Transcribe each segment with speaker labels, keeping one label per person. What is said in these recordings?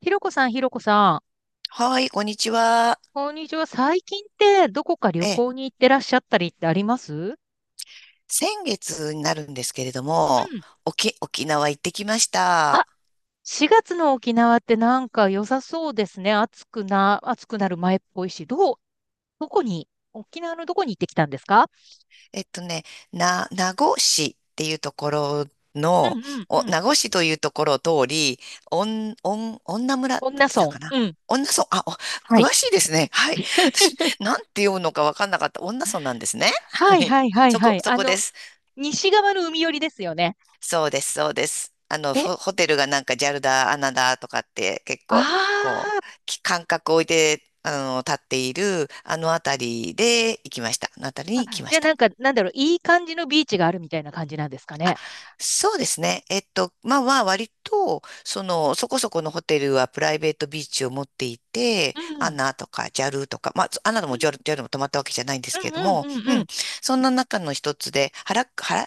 Speaker 1: ひろこさん、ひろこさん。
Speaker 2: はい、こんにちは。
Speaker 1: こんにちは。最近ってどこか旅
Speaker 2: え、
Speaker 1: 行に行ってらっしゃったりってあります。
Speaker 2: 先月になるんですけれども、沖縄行ってきまし
Speaker 1: あ、
Speaker 2: た。
Speaker 1: 4月の沖縄ってなんか良さそうですね。暑くなる前っぽいし。どう、どこに、沖縄のどこに行ってきたんですか？
Speaker 2: えっとね、名護市っていうところ
Speaker 1: うん
Speaker 2: の、
Speaker 1: うんうん。
Speaker 2: 名護市というところを通り、おん、おん、女村って
Speaker 1: 恩
Speaker 2: 言っ
Speaker 1: 納
Speaker 2: てた
Speaker 1: 村。
Speaker 2: かな。
Speaker 1: うん。
Speaker 2: 女村、お
Speaker 1: は
Speaker 2: 詳
Speaker 1: い。
Speaker 2: しいですね。はい。私、なんて読むのかわかんなかった。女村なんですね。は
Speaker 1: はい
Speaker 2: い。
Speaker 1: はいはいはい。
Speaker 2: そこです。
Speaker 1: 西側の海寄りですよね。
Speaker 2: そうです、そうです。あの、
Speaker 1: え、
Speaker 2: ホテルがなんかジャルだ、アナだとかって結
Speaker 1: あ
Speaker 2: 構、こ
Speaker 1: ー
Speaker 2: う、き間隔を置いて、あの、立っている、あのあたりで行きました。あのあたりに
Speaker 1: あ、
Speaker 2: 行きま
Speaker 1: じゃ
Speaker 2: し
Speaker 1: あ
Speaker 2: た。
Speaker 1: なんか、なんだろう、いい感じのビーチがあるみたいな感じなんですか
Speaker 2: あ、
Speaker 1: ね。
Speaker 2: そうですね。えっと、まあまあ、割と、その、そこそこのホテルはプライベートビーチを持っていて、
Speaker 1: うん。
Speaker 2: ア
Speaker 1: う
Speaker 2: ナとかジャルとか、まあ、アナでもジャル
Speaker 1: ん
Speaker 2: JAL も泊まったわけじゃないんで
Speaker 1: う
Speaker 2: すけれ
Speaker 1: ん
Speaker 2: ど
Speaker 1: うん
Speaker 2: も、
Speaker 1: う
Speaker 2: う
Speaker 1: んう
Speaker 2: ん、
Speaker 1: ん。
Speaker 2: そんな中の一つで、クハラ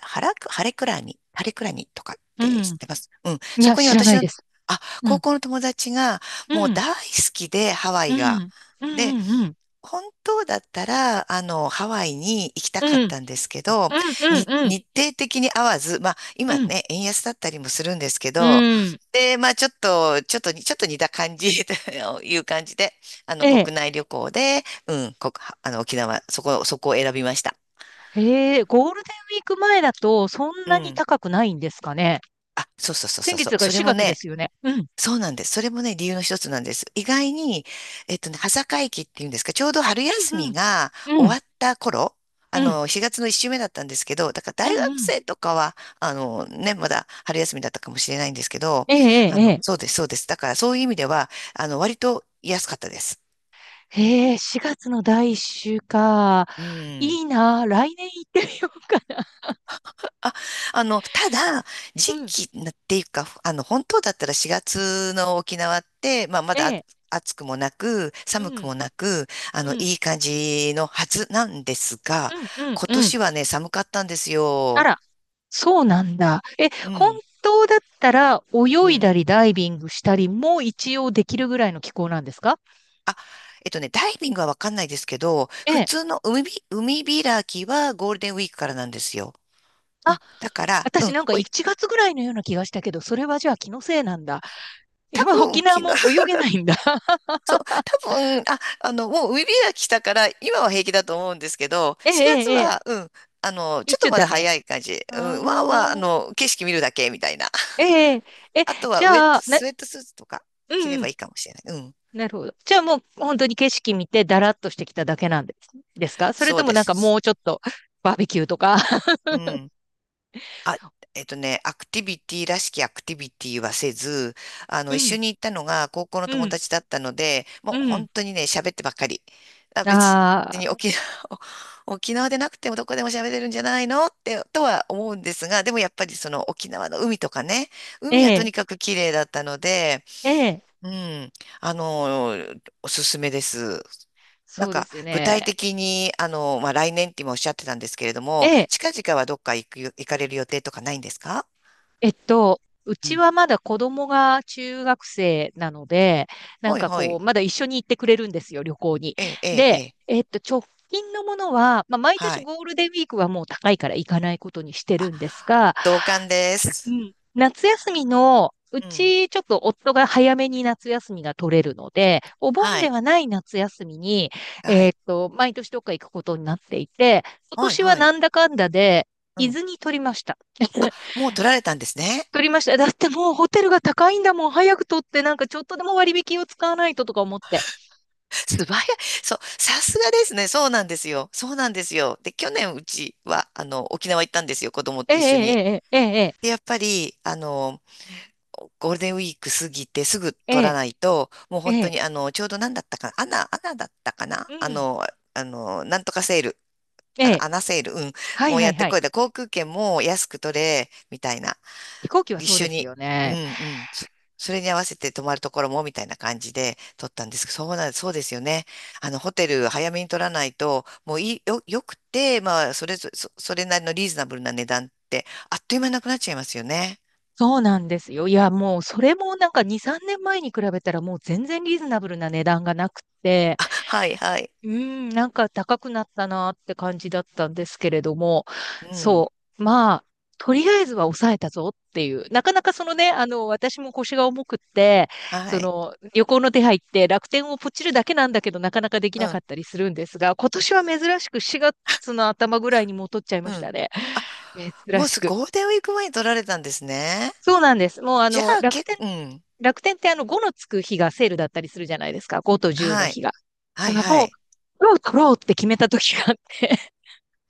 Speaker 2: ハレクラに、ハレクラにとかっ
Speaker 1: う
Speaker 2: て知っ
Speaker 1: ん。
Speaker 2: てます？うん、
Speaker 1: い
Speaker 2: そ
Speaker 1: や、
Speaker 2: こに
Speaker 1: 知ら
Speaker 2: 私
Speaker 1: ない
Speaker 2: の、
Speaker 1: です。う
Speaker 2: 高
Speaker 1: ん。
Speaker 2: 校の友達が、
Speaker 1: う
Speaker 2: もう
Speaker 1: ん。
Speaker 2: 大好きで、ハワ
Speaker 1: う
Speaker 2: イが。
Speaker 1: ん。うん。うん。うん。
Speaker 2: 本当だったら、あの、ハワイに行きた
Speaker 1: う
Speaker 2: かっ
Speaker 1: ん。うん。
Speaker 2: たんですけど、
Speaker 1: うんうん。
Speaker 2: 日程的に合わず、まあ、
Speaker 1: う
Speaker 2: 今
Speaker 1: ん。
Speaker 2: ね、円安だったりもするんですけ
Speaker 1: う
Speaker 2: ど、
Speaker 1: ん。
Speaker 2: で、まあ、ちょっと似た感じ という感じで、あの、
Speaker 1: え
Speaker 2: 国
Speaker 1: え。
Speaker 2: 内旅行で、うん、あの、沖縄、そこを選びました。
Speaker 1: へえ、ゴールデンウィーク前だとそん
Speaker 2: う
Speaker 1: なに
Speaker 2: ん。
Speaker 1: 高くないんですかね。
Speaker 2: あ、そうそうそうそ
Speaker 1: 先
Speaker 2: う
Speaker 1: 月
Speaker 2: そ
Speaker 1: だ
Speaker 2: う。
Speaker 1: から
Speaker 2: それも
Speaker 1: 4月で
Speaker 2: ね、
Speaker 1: すよね。うん。
Speaker 2: そうなんです。それもね、理由の一つなんです。意外に、えっとね、端境期っていうんですか、ちょうど春
Speaker 1: う
Speaker 2: 休
Speaker 1: んう
Speaker 2: みが
Speaker 1: ん。うん。
Speaker 2: 終わった頃、あ
Speaker 1: うん。
Speaker 2: の、4月の1週目だったんですけど、だから
Speaker 1: う
Speaker 2: 大
Speaker 1: んう
Speaker 2: 学
Speaker 1: ん。
Speaker 2: 生とかは、あの、ね、まだ春休みだったかもしれないんですけど、
Speaker 1: えええ
Speaker 2: あ
Speaker 1: ええ
Speaker 2: の、
Speaker 1: え。
Speaker 2: そうです、そうです。だからそういう意味では、あの、割と安かったです。
Speaker 1: へえ、4月の第1週か。
Speaker 2: うん。
Speaker 1: いいな、来年行ってみようかな。
Speaker 2: あ、あの、ただ、
Speaker 1: う
Speaker 2: 時
Speaker 1: ん。
Speaker 2: 期っていうか、あの、本当だったら4月の沖縄って、まあ、ま
Speaker 1: え
Speaker 2: だあ
Speaker 1: え。
Speaker 2: 暑くもなく、
Speaker 1: う
Speaker 2: 寒く
Speaker 1: ん。
Speaker 2: もなく、あの、
Speaker 1: う
Speaker 2: い
Speaker 1: ん。
Speaker 2: い感じのはずなんですが、
Speaker 1: うんうん
Speaker 2: 今
Speaker 1: うん。
Speaker 2: 年はね、寒かったんです
Speaker 1: あ
Speaker 2: よ。
Speaker 1: ら。そうなんだ。え、
Speaker 2: う
Speaker 1: 本
Speaker 2: ん、
Speaker 1: 当だったら
Speaker 2: う
Speaker 1: 泳い
Speaker 2: ん。
Speaker 1: だりダイビングしたりも一応できるぐらいの気候なんですか？
Speaker 2: あ、えっとね、ダイビングはわかんないですけど、
Speaker 1: え
Speaker 2: 普
Speaker 1: え。
Speaker 2: 通の海開きはゴールデンウィークからなんですよ。う
Speaker 1: あ、
Speaker 2: ん、だから、う
Speaker 1: 私
Speaker 2: ん、
Speaker 1: なんか1月ぐらいのような気がしたけど、それはじゃあ気のせいなんだ。やっぱ
Speaker 2: 多分
Speaker 1: 沖
Speaker 2: 昨
Speaker 1: 縄
Speaker 2: 日
Speaker 1: も泳げないんだ。
Speaker 2: そう、多分、あ、あの、もう海開きしたから、今は平気だと思うんですけど、
Speaker 1: ええ、
Speaker 2: 4
Speaker 1: え
Speaker 2: 月
Speaker 1: え、ええ。
Speaker 2: は、うん、あの、ちょっ
Speaker 1: 一
Speaker 2: と
Speaker 1: 応
Speaker 2: ま
Speaker 1: ダ
Speaker 2: だ
Speaker 1: メ。
Speaker 2: 早い感じ。
Speaker 1: う
Speaker 2: うん、まあまあ、あ
Speaker 1: ーん。
Speaker 2: の、景色見るだけみたいな。
Speaker 1: ええ、え、
Speaker 2: あとは
Speaker 1: じ
Speaker 2: ウェッ
Speaker 1: ゃ
Speaker 2: ト、
Speaker 1: あ、
Speaker 2: スウェットスーツとか
Speaker 1: う
Speaker 2: 着れ
Speaker 1: んう
Speaker 2: ば
Speaker 1: ん。
Speaker 2: いいかもしれない。うん、
Speaker 1: なるほど。じゃあもう本当に景色見てだらっとしてきただけなんですですか？それ
Speaker 2: そ
Speaker 1: と
Speaker 2: う
Speaker 1: も
Speaker 2: で
Speaker 1: なんかも
Speaker 2: す。
Speaker 1: うちょっとバーベキューとか。
Speaker 2: うん。あ、えっとね、アクティビティらしきアクティビティはせず、あ
Speaker 1: う
Speaker 2: の、一緒
Speaker 1: ん、
Speaker 2: に行ったのが高校の
Speaker 1: う
Speaker 2: 友
Speaker 1: ん、
Speaker 2: 達だったので、も
Speaker 1: う
Speaker 2: う
Speaker 1: ん。
Speaker 2: 本当にね、喋ってばっかり。別
Speaker 1: あ
Speaker 2: に
Speaker 1: あ。
Speaker 2: 沖縄、沖縄でなくてもどこでも喋れるんじゃないのって、とは思うんですが、でもやっぱりその沖縄の海とかね、
Speaker 1: え
Speaker 2: 海はとに
Speaker 1: え、
Speaker 2: かく綺麗だったので、
Speaker 1: ええ、
Speaker 2: うん、あの、おすすめです。なん
Speaker 1: そうで
Speaker 2: か、
Speaker 1: すよ
Speaker 2: 具体
Speaker 1: ね。
Speaker 2: 的に、あの、まあ、来年って今おっしゃってたんですけれど
Speaker 1: え
Speaker 2: も、
Speaker 1: え、
Speaker 2: 近々はどっか行かれる予定とかないんですか？
Speaker 1: えっと、う
Speaker 2: う
Speaker 1: ち
Speaker 2: ん。
Speaker 1: はまだ子供が中学生なので、なん
Speaker 2: ほい
Speaker 1: か
Speaker 2: ほ
Speaker 1: こ
Speaker 2: い。
Speaker 1: う、まだ一緒に行ってくれるんですよ、旅行に。
Speaker 2: ええ、ええ、え
Speaker 1: で、
Speaker 2: え。
Speaker 1: 直近のものは、まあ、毎
Speaker 2: は
Speaker 1: 年
Speaker 2: い。
Speaker 1: ゴールデンウィークはもう高いから行かないことにして
Speaker 2: あ、
Speaker 1: るんですが、
Speaker 2: 同感で
Speaker 1: う
Speaker 2: す。
Speaker 1: ん。夏休みの、う
Speaker 2: うん。
Speaker 1: ちちょっと夫が早めに夏休みが取れるので、お盆
Speaker 2: は
Speaker 1: で
Speaker 2: い。
Speaker 1: はない夏休みに、
Speaker 2: はい。
Speaker 1: 毎年どっか行くことになっていて、今
Speaker 2: はい
Speaker 1: 年は
Speaker 2: は
Speaker 1: な
Speaker 2: い。
Speaker 1: んだかんだで、
Speaker 2: う
Speaker 1: 伊
Speaker 2: ん。
Speaker 1: 豆に取りました。
Speaker 2: もう取られたんですね。
Speaker 1: 取りました。だってもうホテルが高いんだもん。早く取って、なんかちょっとでも割引を使わないととか思って。
Speaker 2: 素早い。そう。さすがですね。そうなんですよ。そうなんですよ。で、去年うちは、あの、沖縄行ったんですよ。子供
Speaker 1: え
Speaker 2: と一緒に。
Speaker 1: えええええ
Speaker 2: で、やっぱり、あの、ゴールデンウィーク過ぎてすぐ
Speaker 1: え
Speaker 2: 取ら
Speaker 1: え
Speaker 2: ないと、もう
Speaker 1: ええ
Speaker 2: 本当
Speaker 1: ええ
Speaker 2: にあの、ちょうど何だったかな、アナだったかな、
Speaker 1: う
Speaker 2: あ
Speaker 1: ん。
Speaker 2: の、あの、なんとかセール、
Speaker 1: え
Speaker 2: あの、
Speaker 1: え。
Speaker 2: アナセール、うん、
Speaker 1: は
Speaker 2: も
Speaker 1: い
Speaker 2: う
Speaker 1: は
Speaker 2: や
Speaker 1: い
Speaker 2: って
Speaker 1: はい。
Speaker 2: こいだ、航空券も安く取れ、みたいな、
Speaker 1: 飛行機は
Speaker 2: 一
Speaker 1: そう
Speaker 2: 緒
Speaker 1: です
Speaker 2: に、
Speaker 1: よ
Speaker 2: うん
Speaker 1: ね。
Speaker 2: うん、それに合わせて泊まるところも、みたいな感じで取ったんですけど、そうなん、そうですよね。あの、ホテル早めに取らないと、もういい、よくて、まあ、それなりのリーズナブルな値段って、あっという間なくなっちゃいますよね。
Speaker 1: そうなんですよ。いや、もうそれもなんか2、3年前に比べたらもう全然リーズナブルな値段がなくて、
Speaker 2: あ、はいはい。
Speaker 1: うん、なんか高くなったなって感じだったんですけれども、
Speaker 2: うん、
Speaker 1: そう、まあ、とりあえずは抑えたぞっていう、なかなかそのね、私も腰が重くって、
Speaker 2: は
Speaker 1: そ
Speaker 2: い。
Speaker 1: の旅行の手配って楽天をポチるだけなんだけどなかなかでき
Speaker 2: う
Speaker 1: なか
Speaker 2: ん、
Speaker 1: ったりするんですが、今年は珍しく4月の頭ぐらいに戻っちゃいま
Speaker 2: う
Speaker 1: し
Speaker 2: ん。
Speaker 1: たね。珍
Speaker 2: もう
Speaker 1: し
Speaker 2: す、
Speaker 1: く。
Speaker 2: ゴールデンウィーク前に取られたんですね。
Speaker 1: そうなんです。もうあ
Speaker 2: じゃ
Speaker 1: の、
Speaker 2: あ、
Speaker 1: 楽
Speaker 2: け、
Speaker 1: 天
Speaker 2: うん。
Speaker 1: 楽天ってあの5のつく日がセールだったりするじゃないですか。5と10の
Speaker 2: はい。
Speaker 1: 日が。
Speaker 2: は
Speaker 1: だ
Speaker 2: い、
Speaker 1: から
Speaker 2: は
Speaker 1: もう、
Speaker 2: い。
Speaker 1: 取ろうって決めた時があって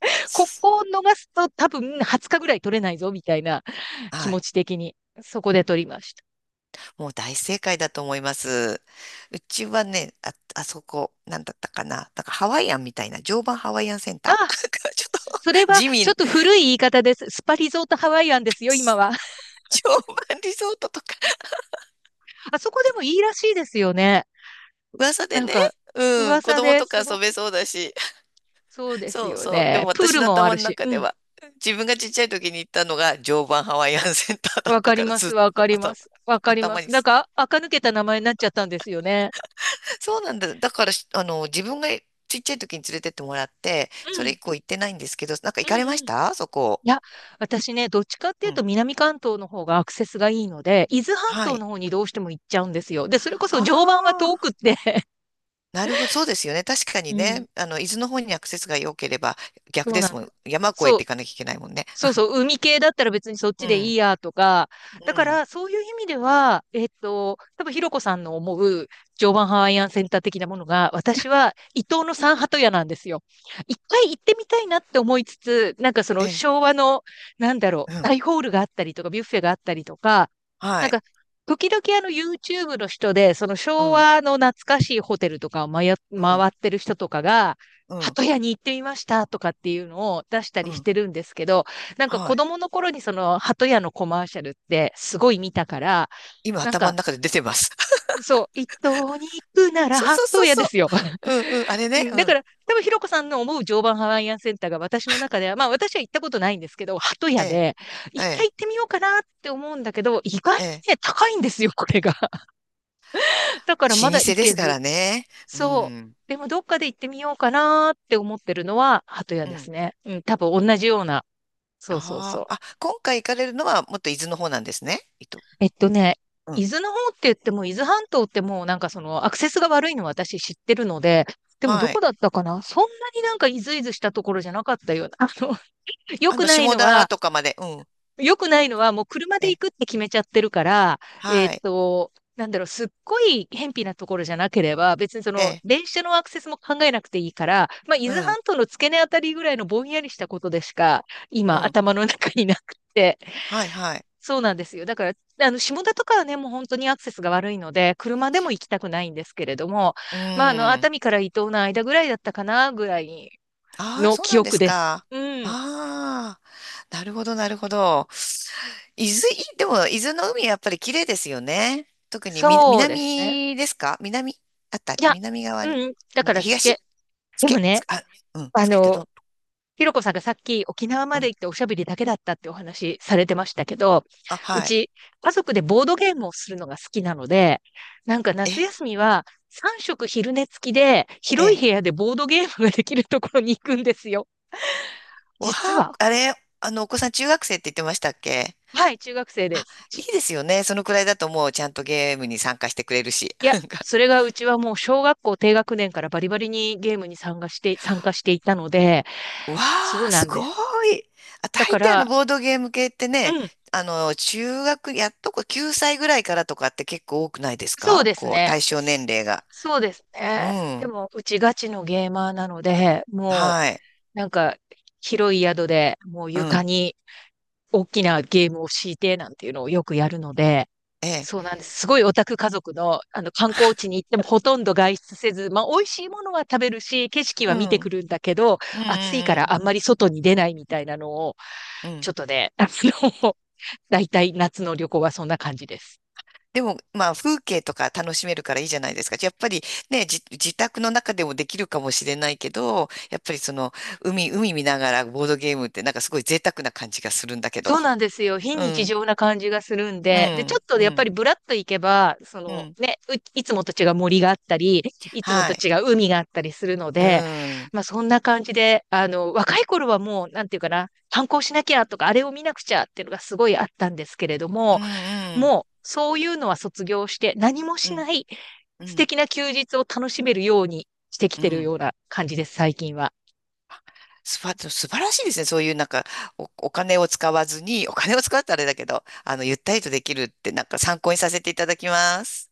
Speaker 1: こ
Speaker 2: す
Speaker 1: こを逃すと多分20日ぐらい取れないぞみたいな気
Speaker 2: は
Speaker 1: 持
Speaker 2: い。
Speaker 1: ち的に、そこで取りまし
Speaker 2: もう大正解だと思います。うちはね、あ、あそこ、なんだったかな。なんかハワイアンみたいな、常磐ハワイアンセンタ
Speaker 1: た。
Speaker 2: ー
Speaker 1: あ、
Speaker 2: ちょっと、
Speaker 1: それは
Speaker 2: 地
Speaker 1: ちょっ
Speaker 2: 味、
Speaker 1: と古い言い方です。スパリゾートハワイアンですよ、今は。
Speaker 2: 常磐リゾートとか、
Speaker 1: あそこでもいいらしいですよね。
Speaker 2: 噂で
Speaker 1: なん
Speaker 2: ね、
Speaker 1: か、
Speaker 2: うん、子
Speaker 1: 噂
Speaker 2: 供
Speaker 1: で
Speaker 2: とか
Speaker 1: すご
Speaker 2: 遊
Speaker 1: く、
Speaker 2: べそうだし、
Speaker 1: そうです
Speaker 2: そう
Speaker 1: よ
Speaker 2: そう。でも
Speaker 1: ね。プー
Speaker 2: 私
Speaker 1: ル
Speaker 2: の
Speaker 1: もあ
Speaker 2: 頭
Speaker 1: る
Speaker 2: の
Speaker 1: し。
Speaker 2: 中
Speaker 1: う
Speaker 2: で
Speaker 1: ん。
Speaker 2: は、自分がちっちゃい時に行ったのが常磐ハワイアンセンターだっ
Speaker 1: わ
Speaker 2: た
Speaker 1: かり
Speaker 2: から
Speaker 1: ま
Speaker 2: ず
Speaker 1: す、
Speaker 2: っ
Speaker 1: わか
Speaker 2: と
Speaker 1: りま
Speaker 2: 頭、
Speaker 1: す。わかりま
Speaker 2: 頭
Speaker 1: す。
Speaker 2: に
Speaker 1: なん
Speaker 2: す。
Speaker 1: か、垢抜けた名前になっちゃったんですよね。
Speaker 2: そうなんだ。だからし、あの、自分がちっちゃい時に連れてってもらって、
Speaker 1: う
Speaker 2: それ以
Speaker 1: ん。
Speaker 2: 降行ってないんですけど、なんか行
Speaker 1: うん
Speaker 2: かれまし
Speaker 1: うん。い
Speaker 2: た？そこ。
Speaker 1: や、私ね、どっちかってい
Speaker 2: う
Speaker 1: うと
Speaker 2: ん。
Speaker 1: 南関東の方がアクセスがいいので、伊豆半
Speaker 2: は
Speaker 1: 島
Speaker 2: い。
Speaker 1: の方にどうしても行っちゃうんですよ。で、それこそ常磐は
Speaker 2: あ
Speaker 1: 遠く
Speaker 2: あ、
Speaker 1: って。
Speaker 2: なるほど。そうですよね。確か
Speaker 1: う
Speaker 2: に
Speaker 1: ん。
Speaker 2: ね、あの、伊豆の方にアクセスが良ければ逆
Speaker 1: そう
Speaker 2: で
Speaker 1: な
Speaker 2: す
Speaker 1: ん
Speaker 2: も
Speaker 1: で
Speaker 2: ん。
Speaker 1: す。
Speaker 2: 山越え
Speaker 1: そう
Speaker 2: ていかなきゃいけないもんね。
Speaker 1: そうそう、海系だったら別にそっ
Speaker 2: う
Speaker 1: ちでいい
Speaker 2: ん。
Speaker 1: やとか、
Speaker 2: う
Speaker 1: だか
Speaker 2: ん。
Speaker 1: らそういう意味では、多分ひろこさんの思う常磐ハワイアンセンター的なものが、私は伊東の三鳩屋なんですよ。一回行ってみたいなって思いつつ、なんかそ
Speaker 2: え
Speaker 1: の
Speaker 2: え、
Speaker 1: 昭和の、なんだろ
Speaker 2: う
Speaker 1: う、
Speaker 2: ん。
Speaker 1: 大ホールがあったりとか、ビュッフェがあったりとか、
Speaker 2: は
Speaker 1: なん
Speaker 2: い。
Speaker 1: か、時々あの YouTube の人で、その
Speaker 2: う
Speaker 1: 昭
Speaker 2: ん。
Speaker 1: 和の懐かしいホテルとかをまや
Speaker 2: うん。
Speaker 1: 回ってる人とかが、
Speaker 2: うん。
Speaker 1: 鳩屋に行ってみましたとかっていうのを出した
Speaker 2: う
Speaker 1: りし
Speaker 2: ん。
Speaker 1: てるんですけど、なんか
Speaker 2: は
Speaker 1: 子
Speaker 2: い。
Speaker 1: 供の頃にその鳩屋のコマーシャルってすごい見たから、
Speaker 2: 今
Speaker 1: なん
Speaker 2: 頭
Speaker 1: か、
Speaker 2: の中で出てます。
Speaker 1: そう、一等に行くなら
Speaker 2: そうそう
Speaker 1: 鳩
Speaker 2: そう
Speaker 1: 屋で
Speaker 2: そう。
Speaker 1: すよ。
Speaker 2: うんうん、あ れ
Speaker 1: う
Speaker 2: ね。
Speaker 1: ん
Speaker 2: う
Speaker 1: だか
Speaker 2: ん。
Speaker 1: ら、多分ひろこさんの思う常磐ハワイアンセンターが私の中では、まあ私は行ったことないんですけど、鳩
Speaker 2: え
Speaker 1: 屋
Speaker 2: え、
Speaker 1: で、
Speaker 2: え
Speaker 1: 一回
Speaker 2: え、
Speaker 1: 行ってみようかなって思うんだけど、意外に
Speaker 2: ええ。
Speaker 1: ね、高いんですよ、これが。だからま
Speaker 2: 老
Speaker 1: だ
Speaker 2: 舗
Speaker 1: 行
Speaker 2: で
Speaker 1: け
Speaker 2: すか
Speaker 1: ず。
Speaker 2: らね。う
Speaker 1: そ
Speaker 2: ん。
Speaker 1: う。でもどっかで行ってみようかなって思ってるのは鳩屋
Speaker 2: う
Speaker 1: で
Speaker 2: ん。
Speaker 1: すね。うん、多分同じような。そうそうそ
Speaker 2: あ
Speaker 1: う。
Speaker 2: あ、あ、今回行かれるのはもっと伊豆の方なんですね。伊豆。
Speaker 1: えっとね、
Speaker 2: うん。
Speaker 1: 伊豆の方って言っても、伊豆半島ってもうなんかそのアクセスが悪いのは私知ってるので、でもど
Speaker 2: は
Speaker 1: こ
Speaker 2: い。
Speaker 1: だったかなそんなになんかイズイズしたところじゃなかったような。良
Speaker 2: あ
Speaker 1: く
Speaker 2: の、
Speaker 1: ない
Speaker 2: 下
Speaker 1: の
Speaker 2: 田
Speaker 1: は、
Speaker 2: とかまで。うん。
Speaker 1: 良くないのはもう車
Speaker 2: え
Speaker 1: で行
Speaker 2: え、
Speaker 1: くって決めちゃってるから、えっ
Speaker 2: はい。
Speaker 1: と、なんだろう、すっごい偏僻なところじゃなければ、別にそ
Speaker 2: え
Speaker 1: の
Speaker 2: え、
Speaker 1: 電車のアクセスも考えなくていいから、まあ、伊
Speaker 2: う
Speaker 1: 豆
Speaker 2: ん。
Speaker 1: 半島の付け根あたりぐらいのぼんやりしたことでしか、
Speaker 2: う
Speaker 1: 今
Speaker 2: ん。
Speaker 1: 頭の中になくて、
Speaker 2: はい、はい。
Speaker 1: そうなんですよ。だから、下田とかはね、もう本当にアクセスが悪いので、車でも行きたくないんですけれども、
Speaker 2: う
Speaker 1: まあ、熱
Speaker 2: ん。
Speaker 1: 海から伊東の間ぐらいだったかな、ぐらい
Speaker 2: ああ、
Speaker 1: の
Speaker 2: そう
Speaker 1: 記
Speaker 2: なんで
Speaker 1: 憶
Speaker 2: す
Speaker 1: です。
Speaker 2: か。
Speaker 1: うん。
Speaker 2: ああ、なるほど、なるほど。伊豆、いでも、伊豆の海やっぱり綺麗ですよね。特に
Speaker 1: そうですね。
Speaker 2: 南ですか？南あった、
Speaker 1: いや、
Speaker 2: 南側に。
Speaker 1: うん。だ
Speaker 2: に
Speaker 1: から、つ
Speaker 2: 東
Speaker 1: け。
Speaker 2: つ
Speaker 1: でも
Speaker 2: け、つ
Speaker 1: ね、
Speaker 2: け、あ、うん、
Speaker 1: あ
Speaker 2: つけて
Speaker 1: の、
Speaker 2: ど
Speaker 1: ひろこさんがさっき沖縄ま
Speaker 2: う、う
Speaker 1: で
Speaker 2: ん。
Speaker 1: 行っておしゃべりだけだったってお話されてましたけど、
Speaker 2: あ、
Speaker 1: う
Speaker 2: はい。
Speaker 1: ち家族でボードゲームをするのが好きなので、なんか
Speaker 2: え、
Speaker 1: 夏休みは3食昼寝付きで
Speaker 2: え
Speaker 1: 広い
Speaker 2: え、
Speaker 1: 部屋でボードゲームができるところに行くんですよ。
Speaker 2: わ
Speaker 1: 実
Speaker 2: あ、
Speaker 1: は。
Speaker 2: あれ、あの、お子さん中学生って言ってましたっけ？
Speaker 1: はい、中学生
Speaker 2: あ、
Speaker 1: です。
Speaker 2: いいですよね。そのくらいだともうちゃんとゲームに参加してくれるし。
Speaker 1: いや、そ れがうちはもう小学校低学年からバリバリにゲームに参加していたので、
Speaker 2: わ
Speaker 1: そう
Speaker 2: あ、
Speaker 1: な
Speaker 2: す
Speaker 1: ん
Speaker 2: ご
Speaker 1: です。
Speaker 2: い。あ、
Speaker 1: だ
Speaker 2: 大
Speaker 1: か
Speaker 2: 抵あの
Speaker 1: ら、
Speaker 2: ボードゲーム系って
Speaker 1: う
Speaker 2: ね、
Speaker 1: ん。
Speaker 2: あの、中学、やっとこ9歳ぐらいからとかって結構多くないです
Speaker 1: そう
Speaker 2: か？
Speaker 1: です
Speaker 2: こう、
Speaker 1: ね。
Speaker 2: 対象年齢が。
Speaker 1: そうです
Speaker 2: う
Speaker 1: ね。で
Speaker 2: ん。
Speaker 1: も、うちガチのゲーマーなので、も
Speaker 2: はい。
Speaker 1: う、なんか、広い宿で、もう
Speaker 2: う
Speaker 1: 床
Speaker 2: ん。
Speaker 1: に大きなゲームを敷いて、なんていうのをよくやるので、
Speaker 2: え
Speaker 1: そう
Speaker 2: え。
Speaker 1: なんです。すごいオタク家族の、観光地に行ってもほとんど外出せず、まあ、美味しいものは食べるし、景色
Speaker 2: う
Speaker 1: は見てく
Speaker 2: ん。
Speaker 1: るんだけど、
Speaker 2: うん
Speaker 1: 暑いか
Speaker 2: う
Speaker 1: ら
Speaker 2: ん
Speaker 1: あんまり外に出ないみたいなのを、
Speaker 2: うん。う
Speaker 1: ち
Speaker 2: ん。
Speaker 1: ょっとね、大体夏の旅行はそんな感じです。
Speaker 2: でも、まあ、風景とか楽しめるからいいじゃないですか。やっぱりね、自宅の中でもできるかもしれないけど、やっぱりその、海見ながらボードゲームってなんかすごい贅沢な感じがするんだけど。
Speaker 1: そうなんですよ。非
Speaker 2: う
Speaker 1: 日
Speaker 2: ん。
Speaker 1: 常な感じがするん
Speaker 2: う
Speaker 1: で。で、ちょ
Speaker 2: ん。
Speaker 1: っと
Speaker 2: う
Speaker 1: やっぱ
Speaker 2: ん。
Speaker 1: りブラッと行けば、そ
Speaker 2: う
Speaker 1: の
Speaker 2: ん。
Speaker 1: ね、いつもと違う森があったり、いつも
Speaker 2: は
Speaker 1: と
Speaker 2: い。
Speaker 1: 違う海があったりするの
Speaker 2: う
Speaker 1: で、
Speaker 2: ん。
Speaker 1: まあそんな感じで、若い頃はもう、なんていうかな、反抗しなきゃとか、あれを見なくちゃっていうのがすごいあったんですけれど
Speaker 2: うん
Speaker 1: も、
Speaker 2: うん。
Speaker 1: もうそういうのは卒業して何も
Speaker 2: う
Speaker 1: し
Speaker 2: ん。
Speaker 1: ない
Speaker 2: う
Speaker 1: 素
Speaker 2: ん。
Speaker 1: 敵な休日を楽しめるようにしてき
Speaker 2: う
Speaker 1: てる
Speaker 2: ん
Speaker 1: ような感じです、最近は。
Speaker 2: 素晴らしいですね。そういうなんかお金を使わずに、お金を使うとあれだけど、あの、ゆったりとできるってなんか参考にさせていただきます。